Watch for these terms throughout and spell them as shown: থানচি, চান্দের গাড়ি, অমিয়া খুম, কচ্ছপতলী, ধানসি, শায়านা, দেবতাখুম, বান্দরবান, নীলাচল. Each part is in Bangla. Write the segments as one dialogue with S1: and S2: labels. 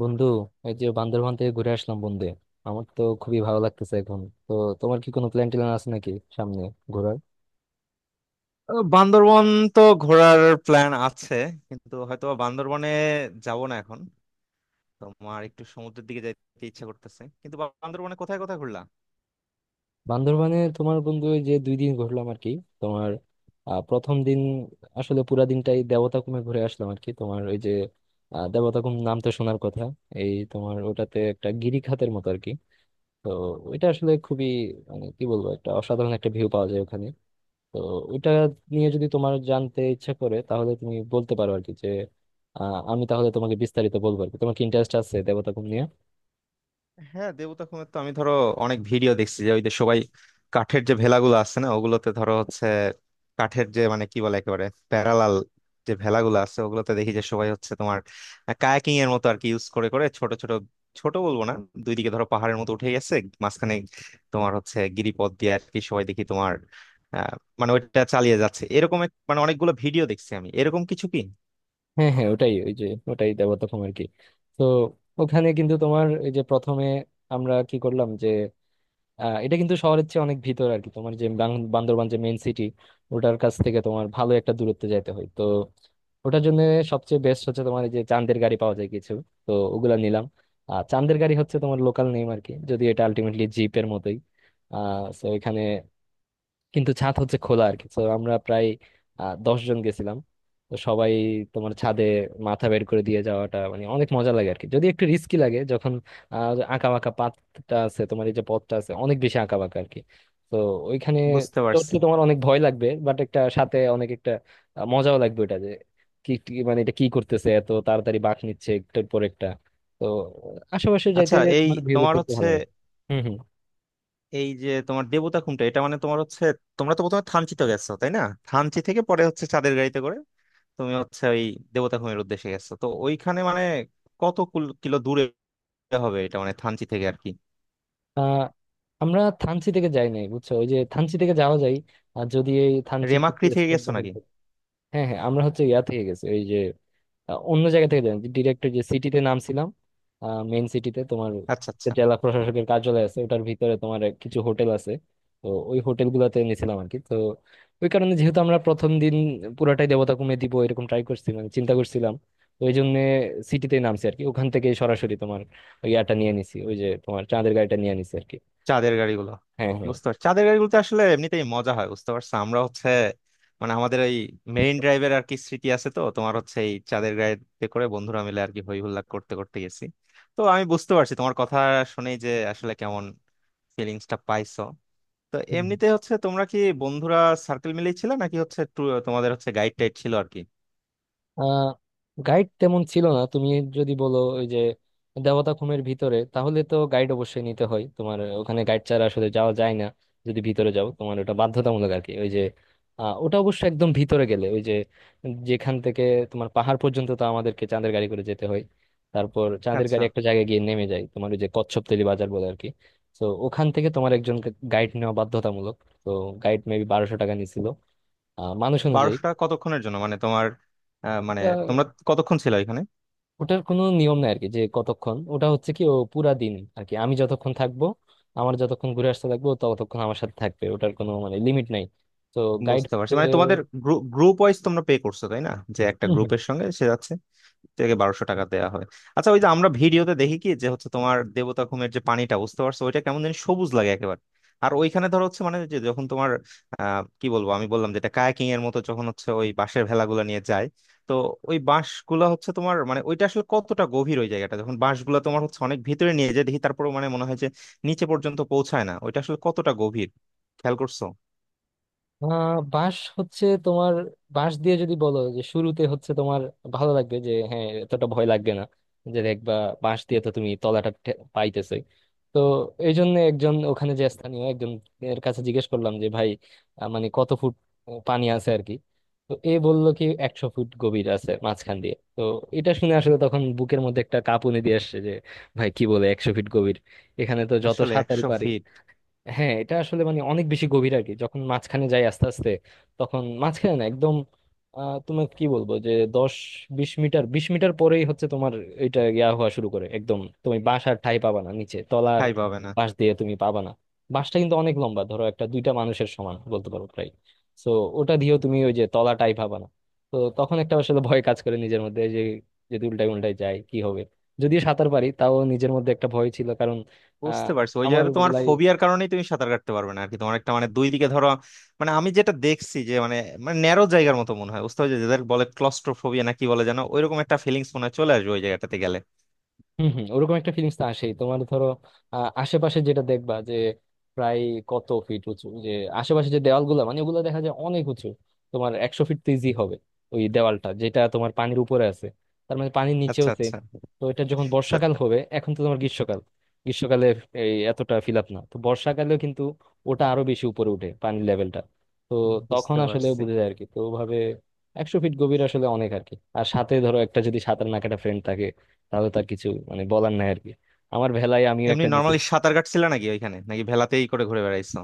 S1: বন্ধু এই যে বান্দরবান থেকে ঘুরে আসলাম বন্ধু। আমার তো খুবই ভালো লাগতেছে এখন। তো তোমার কি কোনো প্ল্যান ট্যান আছে নাকি সামনে ঘোরার?
S2: বান্দরবন তো ঘোরার প্ল্যান আছে, কিন্তু হয়তো বা বান্দরবনে যাব না এখন। তোমার একটু সমুদ্রের দিকে যেতে ইচ্ছা করতেছে। কিন্তু বান্দরবনে কোথায় কোথায় ঘুরলা?
S1: বান্দরবানে তোমার বন্ধু এই যে 2 দিন ঘুরলাম আর কি। তোমার প্রথম দিন আসলে পুরা দিনটাই দেবতাখুমে ঘুরে আসলাম আর কি। তোমার ওই যে দেবতাখুম নাম তো শোনার কথা। এই তোমার ওটাতে একটা গিরিখাতের মতো আর কি। তো ওইটা আসলে খুবই, মানে কি বলবো, একটা অসাধারণ একটা ভিউ পাওয়া যায় ওখানে। তো ওইটা নিয়ে যদি তোমার জানতে ইচ্ছা করে তাহলে তুমি বলতে পারো আর কি যে আমি তাহলে তোমাকে বিস্তারিত বলবো আর কি। তোমার কি ইন্টারেস্ট আছে দেবতাখুম নিয়ে?
S2: হ্যাঁ, দেবতা খুনের তো আমি ধরো অনেক ভিডিও দেখছি যে, ওই যে সবাই কাঠের যে ভেলাগুলো আছে না, ওগুলোতে ধরো হচ্ছে কাঠের যে, মানে কি বলে, একেবারে প্যারালাল যে ভেলাগুলো আছে ওগুলোতে দেখি যে সবাই হচ্ছে তোমার কায়াকিং এর মতো আর কি ইউজ করে করে ছোট ছোট, ছোট বলবো না, দুই দিকে ধরো পাহাড়ের মতো উঠে গেছে, মাঝখানে তোমার হচ্ছে গিরিপথ দিয়ে আর কি সবাই দেখি তোমার আহ মানে ওইটা চালিয়ে যাচ্ছে এরকম মানে অনেকগুলো ভিডিও দেখছি আমি, এরকম কিছু কি?
S1: হ্যাঁ হ্যাঁ, ওটাই, ওই যে ওটাই দেবতাখুম আর কি। তো ওখানে কিন্তু তোমার এই যে প্রথমে আমরা কি করলাম যে এটা কিন্তু শহরের চেয়ে অনেক ভিতর আর কি। তোমার যে বান্দরবান যে মেইন সিটি, ওটার কাছ থেকে তোমার ভালো একটা দূরত্বে যাইতে হয়। তো ওটার জন্য সবচেয়ে বেস্ট হচ্ছে তোমার এই যে চান্দের গাড়ি পাওয়া যায় কিছু, তো ওগুলা নিলাম। আর চান্দের গাড়ি হচ্ছে তোমার লোকাল নেম আর কি, যদি এটা আলটিমেটলি জিপের মতোই। তো এখানে কিন্তু ছাদ হচ্ছে খোলা আর কি। তো আমরা প্রায় 10 জন গেছিলাম। তো সবাই তোমার ছাদে মাথা বের করে দিয়ে যাওয়াটা মানে অনেক মজা লাগে আর কি, যদি একটু রিস্কি লাগে যখন আঁকা বাঁকা পাতটা আছে তোমার, এই যে পথটা আছে অনেক বেশি আঁকা বাঁকা আর কি। তো ওইখানে
S2: বুঝতে
S1: চড়তে
S2: পারছি।
S1: তোমার অনেক ভয় লাগবে, বাট একটা সাথে অনেক একটা মজাও লাগবে। ওটা যে কি কি- মানে এটা কি করতেছে, এত তাড়াতাড়ি বাঁক নিচ্ছে একটার পর একটা। তো আশেপাশে যাইতে
S2: আচ্ছা, এই
S1: তোমার ভিউ
S2: তোমার
S1: দেখতে একটু
S2: হচ্ছে
S1: ভালো লাগে। হম।
S2: এই যে তোমার দেবতা খুমটা, এটা মানে তোমার হচ্ছে, তোমরা তো প্রথমে থানচি তো গেছো, তাই না? থানচি থেকে পরে হচ্ছে চাঁদের গাড়িতে করে তুমি হচ্ছে ওই দেবতা খুমের উদ্দেশ্যে গেছো, তো ওইখানে মানে কত কিলো দূরে হবে এটা মানে থানচি থেকে আর কি?
S1: আহ আমরা থানচি থেকে যাই নাই বুঝছো, ওই যে থানচি থেকে যাওয়া যায় আর যদি এই থানচির কিছু
S2: রেমাক্রি থেকে
S1: স্পট
S2: গেছো
S1: দখল
S2: নাকি?
S1: করি। হ্যাঁ হ্যাঁ, আমরা হচ্ছে ইয়া থেকে গেছি, ওই যে অন্য জায়গা থেকে যাই, ডিরেক্ট যে সিটিতে নামছিলাম, মেইন সিটিতে। তোমার
S2: আচ্ছা আচ্ছা।
S1: জেলা প্রশাসকের কার্যালয় আছে, ওটার ভিতরে তোমার কিছু হোটেল আছে। তো ওই হোটেল গুলাতে নিয়েছিলাম আর কি। তো ওই কারণে, যেহেতু আমরা প্রথম দিন পুরাটাই দেবতা কমে দিব এরকম ট্রাই করছি, মানে চিন্তা করছিলাম, তো ওই জন্য সিটিতে নামছি আর কি। ওখান থেকে সরাসরি তোমার ওই ইয়াটা নিয়ে নিছি, ওই যে তোমার চাঁদের গাড়িটা নিয়ে নিছি আর কি।
S2: চাঁদের গাড়িগুলো?
S1: হ্যাঁ হ্যাঁ।
S2: বুঝতে পারছি, চাঁদের গাড়িগুলোতে আসলে এমনিতেই মজা হয়, বুঝতে পারছো? আমরা হচ্ছে মানে আমাদের ওই মেরিন ড্রাইভের আর কি স্মৃতি আছে, তো তোমার হচ্ছে এই চাঁদের গাড়িতে করে বন্ধুরা মিলে আর কি হই হুল্লা করতে করতে গেছি। তো আমি বুঝতে পারছি তোমার কথা শুনেই যে আসলে কেমন ফিলিংসটা পাইছো। তো
S1: হুম।
S2: এমনিতে হচ্ছে তোমরা কি বন্ধুরা সার্কেল মিলেই ছিল নাকি হচ্ছে তোমাদের হচ্ছে গাইড টাইড ছিল আর কি?
S1: আহ গাইড তেমন ছিল না। তুমি যদি বলো ওই যে দেবতাখুমের ভিতরে, তাহলে তো গাইড অবশ্যই নিতে হয়। তোমার ওখানে গাইড ছাড়া আসলে যাওয়া যায় না, যদি ভিতরে যাও। তোমার ওটা বাধ্যতামূলক আর কি। ওই যে ওটা অবশ্য একদম ভিতরে গেলে, ওই যে যেখান থেকে তোমার পাহাড় পর্যন্ত, তো আমাদেরকে চাঁদের গাড়ি করে যেতে হয়। তারপর চাঁদের গাড়ি
S2: আচ্ছা,
S1: একটা জায়গায় গিয়ে নেমে যায় তোমার, ওই যে কচ্ছপতলী বাজার বলে আর কি। তো ওখান থেকে তোমার একজন গাইড নেওয়া বাধ্যতামূলক। তো গাইড মেবি 1200 টাকা নিছিল, মানুষ অনুযায়ী।
S2: 1200 টাকা কতক্ষণের জন্য, মানে তোমার মানে তোমরা কতক্ষণ ছিল এখানে?
S1: ওটার কোনো নিয়ম নাই আর কি, যে কতক্ষণ। ওটা হচ্ছে কি, ও পুরা দিন আর কি। আমি যতক্ষণ থাকবো, আমার যতক্ষণ ঘুরে আসতে থাকবো, ও ততক্ষণ আমার সাথে থাকবে। ওটার কোনো মানে লিমিট নাই। তো গাইড
S2: বুঝতে পারছি, মানে তোমাদের গ্রুপ ওয়াইজ তোমরা পে করছো তাই না, যে একটা গ্রুপের সঙ্গে সে যাচ্ছে, থেকে 1200 টাকা দেয়া হয়। আচ্ছা, ওই যে আমরা ভিডিওতে দেখি কি যে হচ্ছে তোমার দেবতা খুমের যে পানিটা, বুঝতে পারছো, ওইটা কেমন যেন সবুজ লাগে একেবারে। আর ওইখানে ধরো হচ্ছে মানে যে যখন তোমার কি বলবো, আমি বললাম যেটা কায়াকিং এর মতো, যখন হচ্ছে ওই বাঁশের ভেলাগুলো নিয়ে যায়, তো ওই বাঁশগুলা হচ্ছে তোমার মানে, ওইটা আসলে কতটা গভীর ওই জায়গাটা, যখন বাঁশগুলা তোমার হচ্ছে অনেক ভিতরে নিয়ে যায় দেখি, তারপরে মানে মনে হয় যে নিচে পর্যন্ত পৌঁছায় না, ওইটা আসলে কতটা গভীর খেয়াল করছো?
S1: বাঁশ হচ্ছে তোমার, বাঁশ দিয়ে যদি বলো যে শুরুতে হচ্ছে তোমার ভালো লাগবে, যে হ্যাঁ এতটা ভয় লাগবে না। যে দেখবা বাঁশ দিয়ে তো তুমি তলাটা পাইতেছে। তো এই জন্য একজন, ওখানে যে স্থানীয় একজন, এর কাছে জিজ্ঞেস করলাম যে, ভাই মানে কত ফুট পানি আছে আর কি। তো এ বললো কি 100 ফুট গভীর আছে মাঝখান দিয়ে। তো এটা শুনে আসলে তখন বুকের মধ্যে একটা কাঁপুনি দিয়ে আসছে যে, ভাই কি বলে 100 ফিট গভীর! এখানে তো যত
S2: আসলে
S1: সাঁতারই
S2: একশো
S1: পারি।
S2: ফিট
S1: হ্যাঁ, এটা আসলে মানে অনেক বেশি গভীর আর কি। যখন মাঝখানে যাই আস্তে আস্তে, তখন মাঝখানে না একদম, তোমার কি বলবো, যে দশ 20 মিটার 20 মিটার পরেই হচ্ছে তোমার, এটা ইয়া হওয়া শুরু করে, একদম তুমি বাসার ঠাঁই পাবা না নিচে তলার।
S2: ঠাঁই পাবে না?
S1: পাশ দিয়ে তুমি পাবা না। বাসটা কিন্তু অনেক লম্বা, ধরো একটা দুইটা মানুষের সমান বলতে পারো প্রায়। তো ওটা দিয়েও তুমি ওই যে তলাটাই পাবা না। তো তখন একটা আসলে ভয় কাজ করে নিজের মধ্যে, যে যদি উল্টায় উল্টায় যায় কি হবে। যদিও সাঁতার পারি তাও নিজের মধ্যে একটা ভয় ছিল কারণ আহ,
S2: বুঝতে পারছি, ওই
S1: আমার
S2: জায়গাতে তোমার
S1: বেলায়।
S2: ফোবিয়ার কারণেই তুমি সাঁতার কাটতে পারবে না আর কি। তোমার একটা মানে দুই দিকে ধরো, মানে আমি যেটা দেখছি যে মানে, মানে ন্যারো জায়গার মতো মনে হয়, বুঝতে পারছো, যাদের বলে ক্লস্ট্রোফোবিয়া না কি বলে জানো, ওইরকম একটা ফিলিংস মনে হয় চলে আসবে ওই জায়গাটাতে গেলে।
S1: হম হম, ওরকম একটা ফিলিংস তো আসেই। তোমার ধরো আশেপাশে যেটা দেখবা যে প্রায় কত ফিট উঁচু যে, আশেপাশে যে দেওয়ালগুলো মানে, ওগুলো দেখা যায় অনেক উঁচু। তোমার 100 ফিট তো ইজি হবে ওই দেওয়ালটা, যেটা তোমার পানির উপরে আছে। তার মানে পানির নিচেও
S2: আচ্ছা
S1: সেম।
S2: আচ্ছা।
S1: তো এটা যখন
S2: তা
S1: বর্ষাকাল হবে, এখন তো তোমার গ্রীষ্মকাল, গ্রীষ্মকালে এই এতটা ফিল আপ না, তো বর্ষাকালেও কিন্তু ওটা আরো বেশি উপরে উঠে পানির লেভেলটা। তো তখন
S2: বুঝতে
S1: আসলে
S2: পারছি।
S1: বুঝে যায় আর কি। তো ওভাবে 100 ফিট গভীর আসলে অনেক আর কি। আর সাথে ধরো একটা যদি সাঁতার না কাটা ফ্রেন্ড থাকে, তাহলে তার কিছু মানে বলার নাই আর কি। আমার ভেলায় আমিও
S2: এমনি
S1: একটা নিয়েছি।
S2: নর্মালি সাঁতার কাটছিল নাকি ওইখানে, নাকি ভেলাতেই করে ঘুরে বেড়াইছো?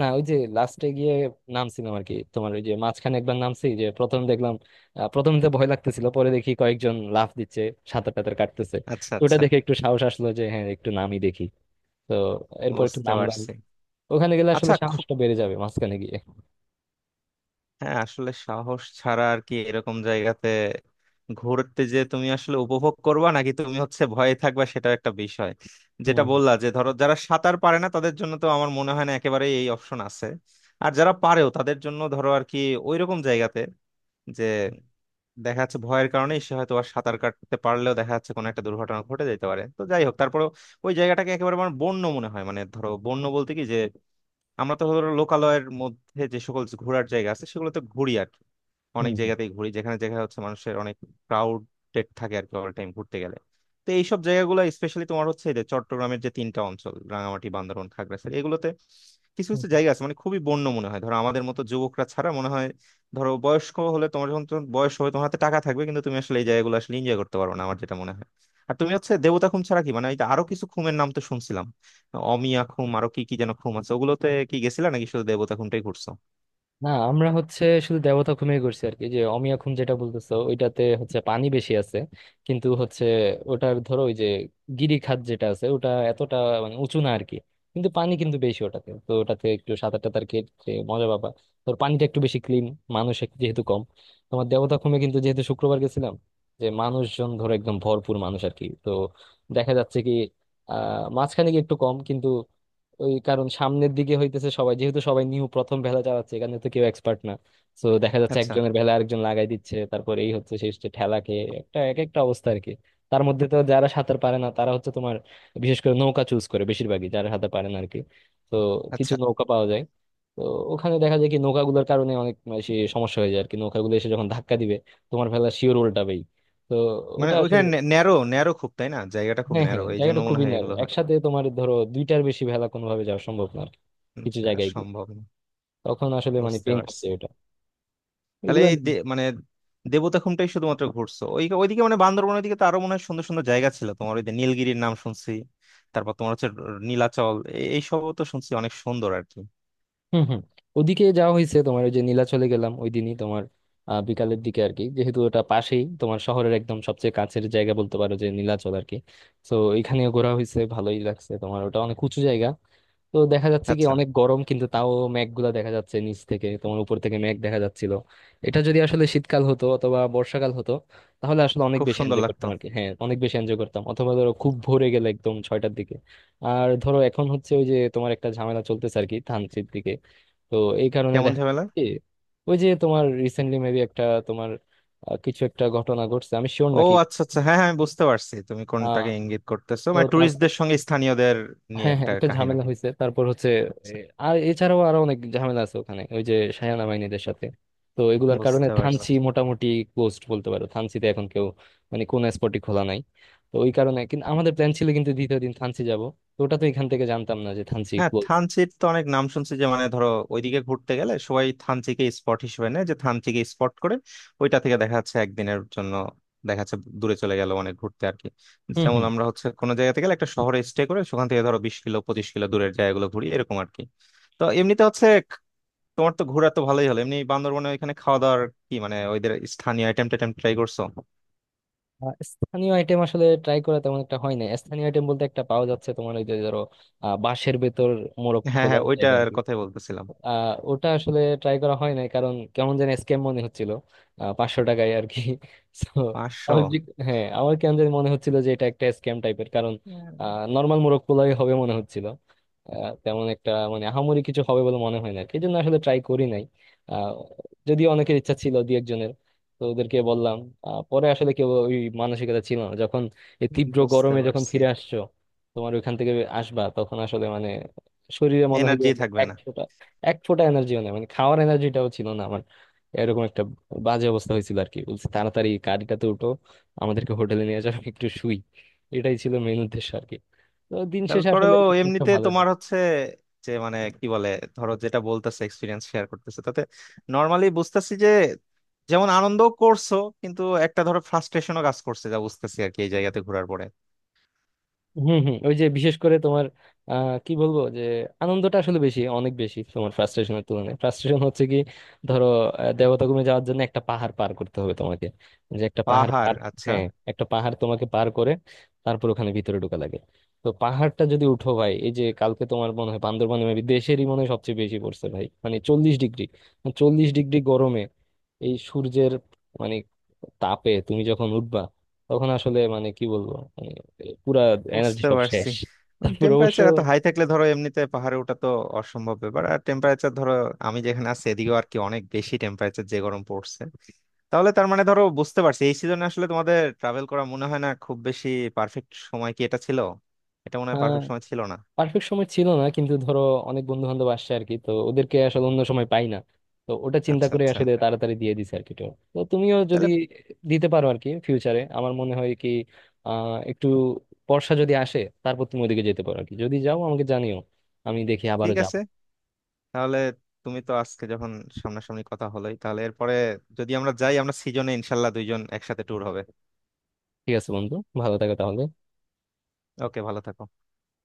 S1: না, ওই যে লাস্টে গিয়ে নামছিলাম আর কি। তোমার ওই যে মাঝখানে একবার নামছি, যে প্রথম দেখলাম, প্রথম তো ভয় লাগতেছিল, পরে দেখি কয়েকজন লাফ দিচ্ছে, সাঁতার টাতার কাটতেছে।
S2: আচ্ছা
S1: তো ওটা
S2: আচ্ছা,
S1: দেখে একটু সাহস আসলো, যে হ্যাঁ একটু নামই দেখি। তো এরপর একটু
S2: বুঝতে
S1: নামলাম।
S2: পারছি।
S1: ওখানে গেলে আসলে
S2: আচ্ছা, খুব।
S1: সাহসটা বেড়ে যাবে মাঝখানে গিয়ে।
S2: হ্যাঁ, আসলে সাহস ছাড়া আর কি এরকম জায়গাতে ঘুরতে, যে তুমি আসলে উপভোগ করবা নাকি তুমি হচ্ছে ভয়ে থাকবা, সেটা একটা বিষয়। যেটা
S1: হুম
S2: বললা যে ধরো যারা সাঁতার পারে না তাদের জন্য তো আমার মনে হয় না একেবারে এই অপশন আছে। আর যারা পারেও তাদের জন্য ধরো আর কি ওইরকম জায়গাতে, যে দেখা যাচ্ছে ভয়ের কারণে সে হয়তো আর সাঁতার কাটতে পারলেও, দেখা যাচ্ছে কোনো একটা দুর্ঘটনা ঘটে যেতে পারে। তো যাই হোক, তারপরে ওই জায়গাটাকে একেবারে আমার বন্য মনে হয়, মানে ধরো বন্য বলতে কি যে, আমরা তো ধরো লোকালয়ের মধ্যে যে সকল ঘোরার জায়গা আছে সেগুলোতে ঘুরি আর কি। অনেক
S1: হুম
S2: জায়গাতেই ঘুরি যেখানে যেখানে হচ্ছে মানুষের অনেক ক্রাউডেড থাকে আর কি অল টাইম ঘুরতে গেলে। তো এইসব জায়গাগুলো স্পেশালি তোমার হচ্ছে এই যে চট্টগ্রামের যে তিনটা অঞ্চল, রাঙামাটি, বান্দরবান, খাগড়াছড়ি, এগুলোতে কিছু
S1: হুম।
S2: কিছু জায়গা আছে মানে খুবই বন্য মনে হয়, ধরো আমাদের মতো যুবকরা ছাড়া মনে হয় ধরো বয়স্ক হলে, তোমার যখন তোমার বয়স হবে, তোমার হাতে টাকা থাকবে, কিন্তু তুমি আসলে এই জায়গাগুলো আসলে এনজয় করতে পারবে না, আমার যেটা মনে হয়। আর তুমি হচ্ছে দেবতা খুম ছাড়া কি মানে, এই যে আরো কিছু খুমের নাম তো শুনছিলাম, অমিয়া খুম, আরো কি কি যেন খুম আছে, ওগুলোতে কি গেছিলা নাকি শুধু দেবতা খুমটাই ঘুরছো?
S1: না, আমরা হচ্ছে শুধু দেবতা খুমে করছি আর কি। যে অমিয়া খুন যেটা বলতেছো, ওইটাতে হচ্ছে পানি বেশি আছে কিন্তু হচ্ছে ওটার ধরো ওই যে গিরিখাত যেটা আছে, ওটা এতটা মানে উঁচু না আর কি, কিন্তু পানি কিন্তু বেশি ওটাতে। তো ওটাতে একটু সাঁতার টাতার কেটে মজা পাবা। তোর পানিটা একটু বেশি ক্লিন, মানুষ যেহেতু কম। তোমার দেবতা খুমে কিন্তু, যেহেতু শুক্রবার গেছিলাম, যে মানুষজন ধরো একদম ভরপুর মানুষ আর কি। তো দেখা যাচ্ছে কি মাঝখানে গিয়ে একটু কম কিন্তু, ওই কারণ সামনের দিকে হইতেছে সবাই, যেহেতু সবাই নিউ প্রথম ভেলা চালাচ্ছে, এখানে তো কেউ এক্সপার্ট না। তো দেখা যাচ্ছে
S2: আচ্ছা
S1: একজনের ভেলা আরেকজন লাগাই দিচ্ছে, তারপর এই হচ্ছে সেই হচ্ছে ঠেলা খেয়ে একটা এক একটা অবস্থা আর কি। তার মধ্যে তো যারা সাঁতার পারে না, তারা হচ্ছে তোমার বিশেষ করে নৌকা চুজ করে বেশিরভাগই, যারা সাঁতার পারে না আর কি। তো কিছু
S2: আচ্ছা।
S1: নৌকা পাওয়া যায়। তো ওখানে দেখা যায় কি, নৌকাগুলোর কারণে অনেক বেশি সমস্যা হয়ে যায় আর কি, নৌকাগুলো এসে যখন ধাক্কা দিবে তোমার ভেলা শিওর উল্টাবেই। তো
S2: মানে
S1: ওটা আসলে,
S2: ওইখানে ন্যারো ন্যারো খুব, তাই না? জায়গাটা খুব
S1: হ্যাঁ
S2: ন্যারো,
S1: হ্যাঁ,
S2: এই জন্য
S1: জায়গাটা
S2: মনে
S1: খুবই
S2: হয়
S1: ন্যারো,
S2: এগুলো হয়।
S1: একসাথে তোমার ধরো দুইটার বেশি ভেলা কোনোভাবে যাওয়া সম্ভব না আর কি, কিছু
S2: আচ্ছা,
S1: জায়গায় গিয়ে
S2: সম্ভব না।
S1: তখন আসলে মানে
S2: বুঝতে
S1: পেন করতে
S2: পারছি,
S1: এটা।
S2: তাহলে
S1: এগুলো।
S2: এই মানে দেবতা খুমটাই শুধুমাত্র ঘুরছো ওই ওইদিকে, মানে বান্দরবনের দিকে তো আরো মনে হয় সুন্দর সুন্দর জায়গা ছিল, তোমার ওই যে নীলগিরির নাম শুনছি, তারপর তোমার হচ্ছে নীলাচল, এইসবও তো শুনছি অনেক সুন্দর আর কি।
S1: হুম হুম, ওদিকে যাওয়া হয়েছে তোমার। ওই যে নীলাচলে গেলাম ওই দিনই তোমার বিকালের দিকে আর কি। যেহেতু ওটা পাশেই তোমার, শহরের একদম সবচেয়ে কাছের জায়গা বলতে পারো যে, নীলাচল আর কি। তো এখানেও ঘোরা হয়েছে, ভালোই লাগছে। তোমার ওটা অনেক উঁচু জায়গা। তো দেখা যাচ্ছে কি
S2: আচ্ছা,
S1: অনেক গরম কিন্তু, তাও মেঘগুলা দেখা যাচ্ছে নিচ থেকে, তোমার উপর থেকে মেঘ দেখা যাচ্ছিল। এটা যদি আসলে শীতকাল হতো অথবা বর্ষাকাল হতো, তাহলে আসলে অনেক
S2: খুব
S1: বেশি
S2: সুন্দর
S1: এনজয়
S2: লাগতো।
S1: করতাম আর কি। হ্যাঁ অনেক বেশি এনজয় করতাম, অথবা ধরো খুব ভোরে গেলে একদম 6টার দিকে। আর ধরো এখন হচ্ছে, ওই যে তোমার একটা ঝামেলা চলতেছে আর কি ধানসির দিকে। তো এই কারণে
S2: কেমন
S1: দেখা যায়
S2: ঝামেলা?
S1: কি, ওই যে তোমার রিসেন্টলি মেবি একটা তোমার কিছু একটা ঘটনা ঘটছে, আমি শিওর
S2: ও
S1: নাকি।
S2: আচ্ছা আচ্ছা, হ্যাঁ হ্যাঁ, আমি বুঝতে পারছি তুমি
S1: আহ
S2: কোনটাকে ইঙ্গিত করতেছো,
S1: তো
S2: মানে
S1: তারপর,
S2: ট্যুরিস্টদের সঙ্গে স্থানীয়দের নিয়ে
S1: হ্যাঁ হ্যাঁ,
S2: একটা
S1: একটা
S2: কাহিনী।
S1: ঝামেলা হয়েছে। তারপর হচ্ছে এ,
S2: আচ্ছা,
S1: আর এছাড়াও আরো অনেক ঝামেলা আছে ওখানে, ওই যে শায়ানা মাইনিদের সাথে। তো এগুলার কারণে
S2: বুঝতে পারছি।
S1: থানচি মোটামুটি ক্লোজড বলতে পারো। থানচিতে এখন কেউ মানে কোন স্পটই খোলা নাই। তো ওই কারণে কিন্তু, আমাদের প্ল্যান ছিল কিন্তু দ্বিতীয় দিন থানচি যাব। তো ওটা তো এখান থেকে জানতাম না যে থানচি
S2: হ্যাঁ, থানচির তো অনেক নাম শুনছি যে, মানে ধরো ওইদিকে ঘুরতে গেলে সবাই থানচিকে স্পট হিসেবে নেয়, যে থানচিকে স্পট করে ওইটা থেকে দেখা যাচ্ছে একদিনের জন্য দেখা যাচ্ছে দূরে চলে গেল অনেক ঘুরতে আর কি। যেমন
S1: ক্লোজ।
S2: আমরা হচ্ছে কোনো জায়গা থেকে গেলে একটা শহরে স্টে করে সেখান থেকে ধরো 20 কিলো 25 কিলো দূরের জায়গাগুলো ঘুরি, এরকম আর কি। তো এমনিতে হচ্ছে তোমার তো ঘোরা তো ভালোই হলো, এমনি বান্দরবনে ওইখানে খাওয়া দাওয়ার কি, মানে ওইদের স্থানীয় আইটেম টাইটেম ট্রাই করছো?
S1: স্থানীয় আইটেম আসলে ট্রাই করা তেমন একটা হয় না। স্থানীয় আইটেম বলতে একটা পাওয়া যাচ্ছে তোমার, ওই যে ধরো বাঁশের ভেতর মোরগ
S2: হ্যাঁ হ্যাঁ,
S1: পোলাও টাইপ আর
S2: ওইটার
S1: কি।
S2: কথাই বলতেছিলাম।
S1: ওটা আসলে ট্রাই করা হয় নাই, কারণ কেমন যেন স্ক্যাম মনে হচ্ছিল 500 টাকায় আর কি। So,
S2: 500?
S1: আমার যে- হ্যাঁ আমার কেমন যেন মনে হচ্ছিল যে এটা একটা স্ক্যাম টাইপের, কারণ নর্মাল মোরগ পোলাই হবে মনে হচ্ছিল। তেমন একটা মানে আহামরি কিছু হবে বলে মনে হয় না আর কি। এই জন্য আসলে ট্রাই করি নাই। আহ, যদিও অনেকের ইচ্ছা ছিল দুই একজনের, তো ওদেরকে বললাম। পরে আসলে কেউ ওই মানসিকতা ছিল না যখন, এই তীব্র
S2: বুঝতে
S1: গরমে যখন
S2: পারছি।
S1: ফিরে আসছো তোমার ওইখান থেকে আসবা, তখন আসলে মানে শরীরে মনে হয়
S2: এনার্জি থাকবে না।
S1: যে এক ফোঁটা এনার্জিও নেই। মানে খাওয়ার এনার্জিটাও ছিল না আমার। এরকম একটা বাজে অবস্থা হয়েছিল আর কি। বলছে তাড়াতাড়ি গাড়িটাতে উঠো, আমাদেরকে হোটেলে নিয়ে যাও, একটু শুই। এটাই ছিল মেন উদ্দেশ্য আর কি। তো দিন শেষে আসলে
S2: তারপরেও এমনিতে
S1: ভালো।
S2: তোমার হচ্ছে, যে মানে কি বলে, ধরো যেটা বলতেছে এক্সপিরিয়েন্স শেয়ার করতেছে, তাতে নর্মালি বুঝতেছি যে যেমন আনন্দ করছো, কিন্তু একটা ধরো ফ্রাস্ট্রেশনও কাজ করছে যা বুঝতেছি আর কি এই জায়গাতে ঘোরার পরে।
S1: হম হম, ওই যে বিশেষ করে তোমার কি বলবো যে, আনন্দটা আসলে বেশি, অনেক বেশি তোমার ফ্রাস্ট্রেশনের তুলনায়। ফ্রাস্ট্রেশন হচ্ছে কি, ধরো দেবতাগমে যাওয়ার জন্য একটা পাহাড় পার করতে হবে তোমাকে, যে একটা পাহাড়
S2: পাহাড়?
S1: পার।
S2: আচ্ছা।
S1: হ্যাঁ, একটা পাহাড় তোমাকে পার করে তারপর ওখানে ভিতরে ঢোকা লাগে। তো পাহাড়টা যদি উঠো ভাই, এই যে কালকে তোমার মনে হয় বান্দরবানে maybe দেশেরই মনে হয় সবচেয়ে বেশি পড়ছে ভাই, মানে 40 ডিগ্রি, মানে 40 ডিগ্রি গরমে, এই সূর্যের মানে তাপে তুমি যখন উঠবা, তখন আসলে মানে কি বলবো, মানে পুরা এনার্জি
S2: বুঝতে
S1: সব
S2: পারছি।
S1: শেষ। তারপর অবশ্য
S2: টেম্পারেচার এত হাই থাকলে ধরো এমনিতে পাহাড়ে ওঠা তো অসম্ভব ব্যাপার। আর টেম্পারেচার ধরো আমি যেখানে আছি এদিকেও আর কি অনেক বেশি টেম্পারেচার, যে গরম পড়ছে। তাহলে তার মানে ধরো বুঝতে পারছি এই সিজনে আসলে তোমাদের ট্রাভেল করা মনে হয় না খুব বেশি। পারফেক্ট সময় কি এটা ছিল? এটা মনে হয়
S1: আহ
S2: পারফেক্ট সময় ছিল না।
S1: পারফেক্ট সময় ছিল না, কিন্তু ধরো অনেক বন্ধু বান্ধব আসছে আর কি, তো ওদেরকে আসলে অন্য সময় পাই না। তো ওটা চিন্তা
S2: আচ্ছা
S1: করে
S2: আচ্ছা,
S1: আসলে তাড়াতাড়ি দিয়ে দিছে আর কি tour। তো তুমিও যদি
S2: তাহলে
S1: দিতে পারো আর কি ফিউচারে, আমার মনে হয় কি, একটু বর্ষা যদি আসে, তারপর তুমি ওদিকে যেতে পারো আর কি। যদি যাও আমাকে জানিও, আমি দেখি আবারও
S2: ঠিক
S1: যাবো।
S2: আছে। তাহলে তুমি তো আজকে যখন সামনাসামনি কথা হলোই, তাহলে এরপরে যদি আমরা যাই, আমরা সিজনে ইনশাল্লাহ দুইজন একসাথে ট্যুর হবে।
S1: ঠিক আছে বন্ধু, ভালো থাকো তাহলে।
S2: ওকে, ভালো থাকো।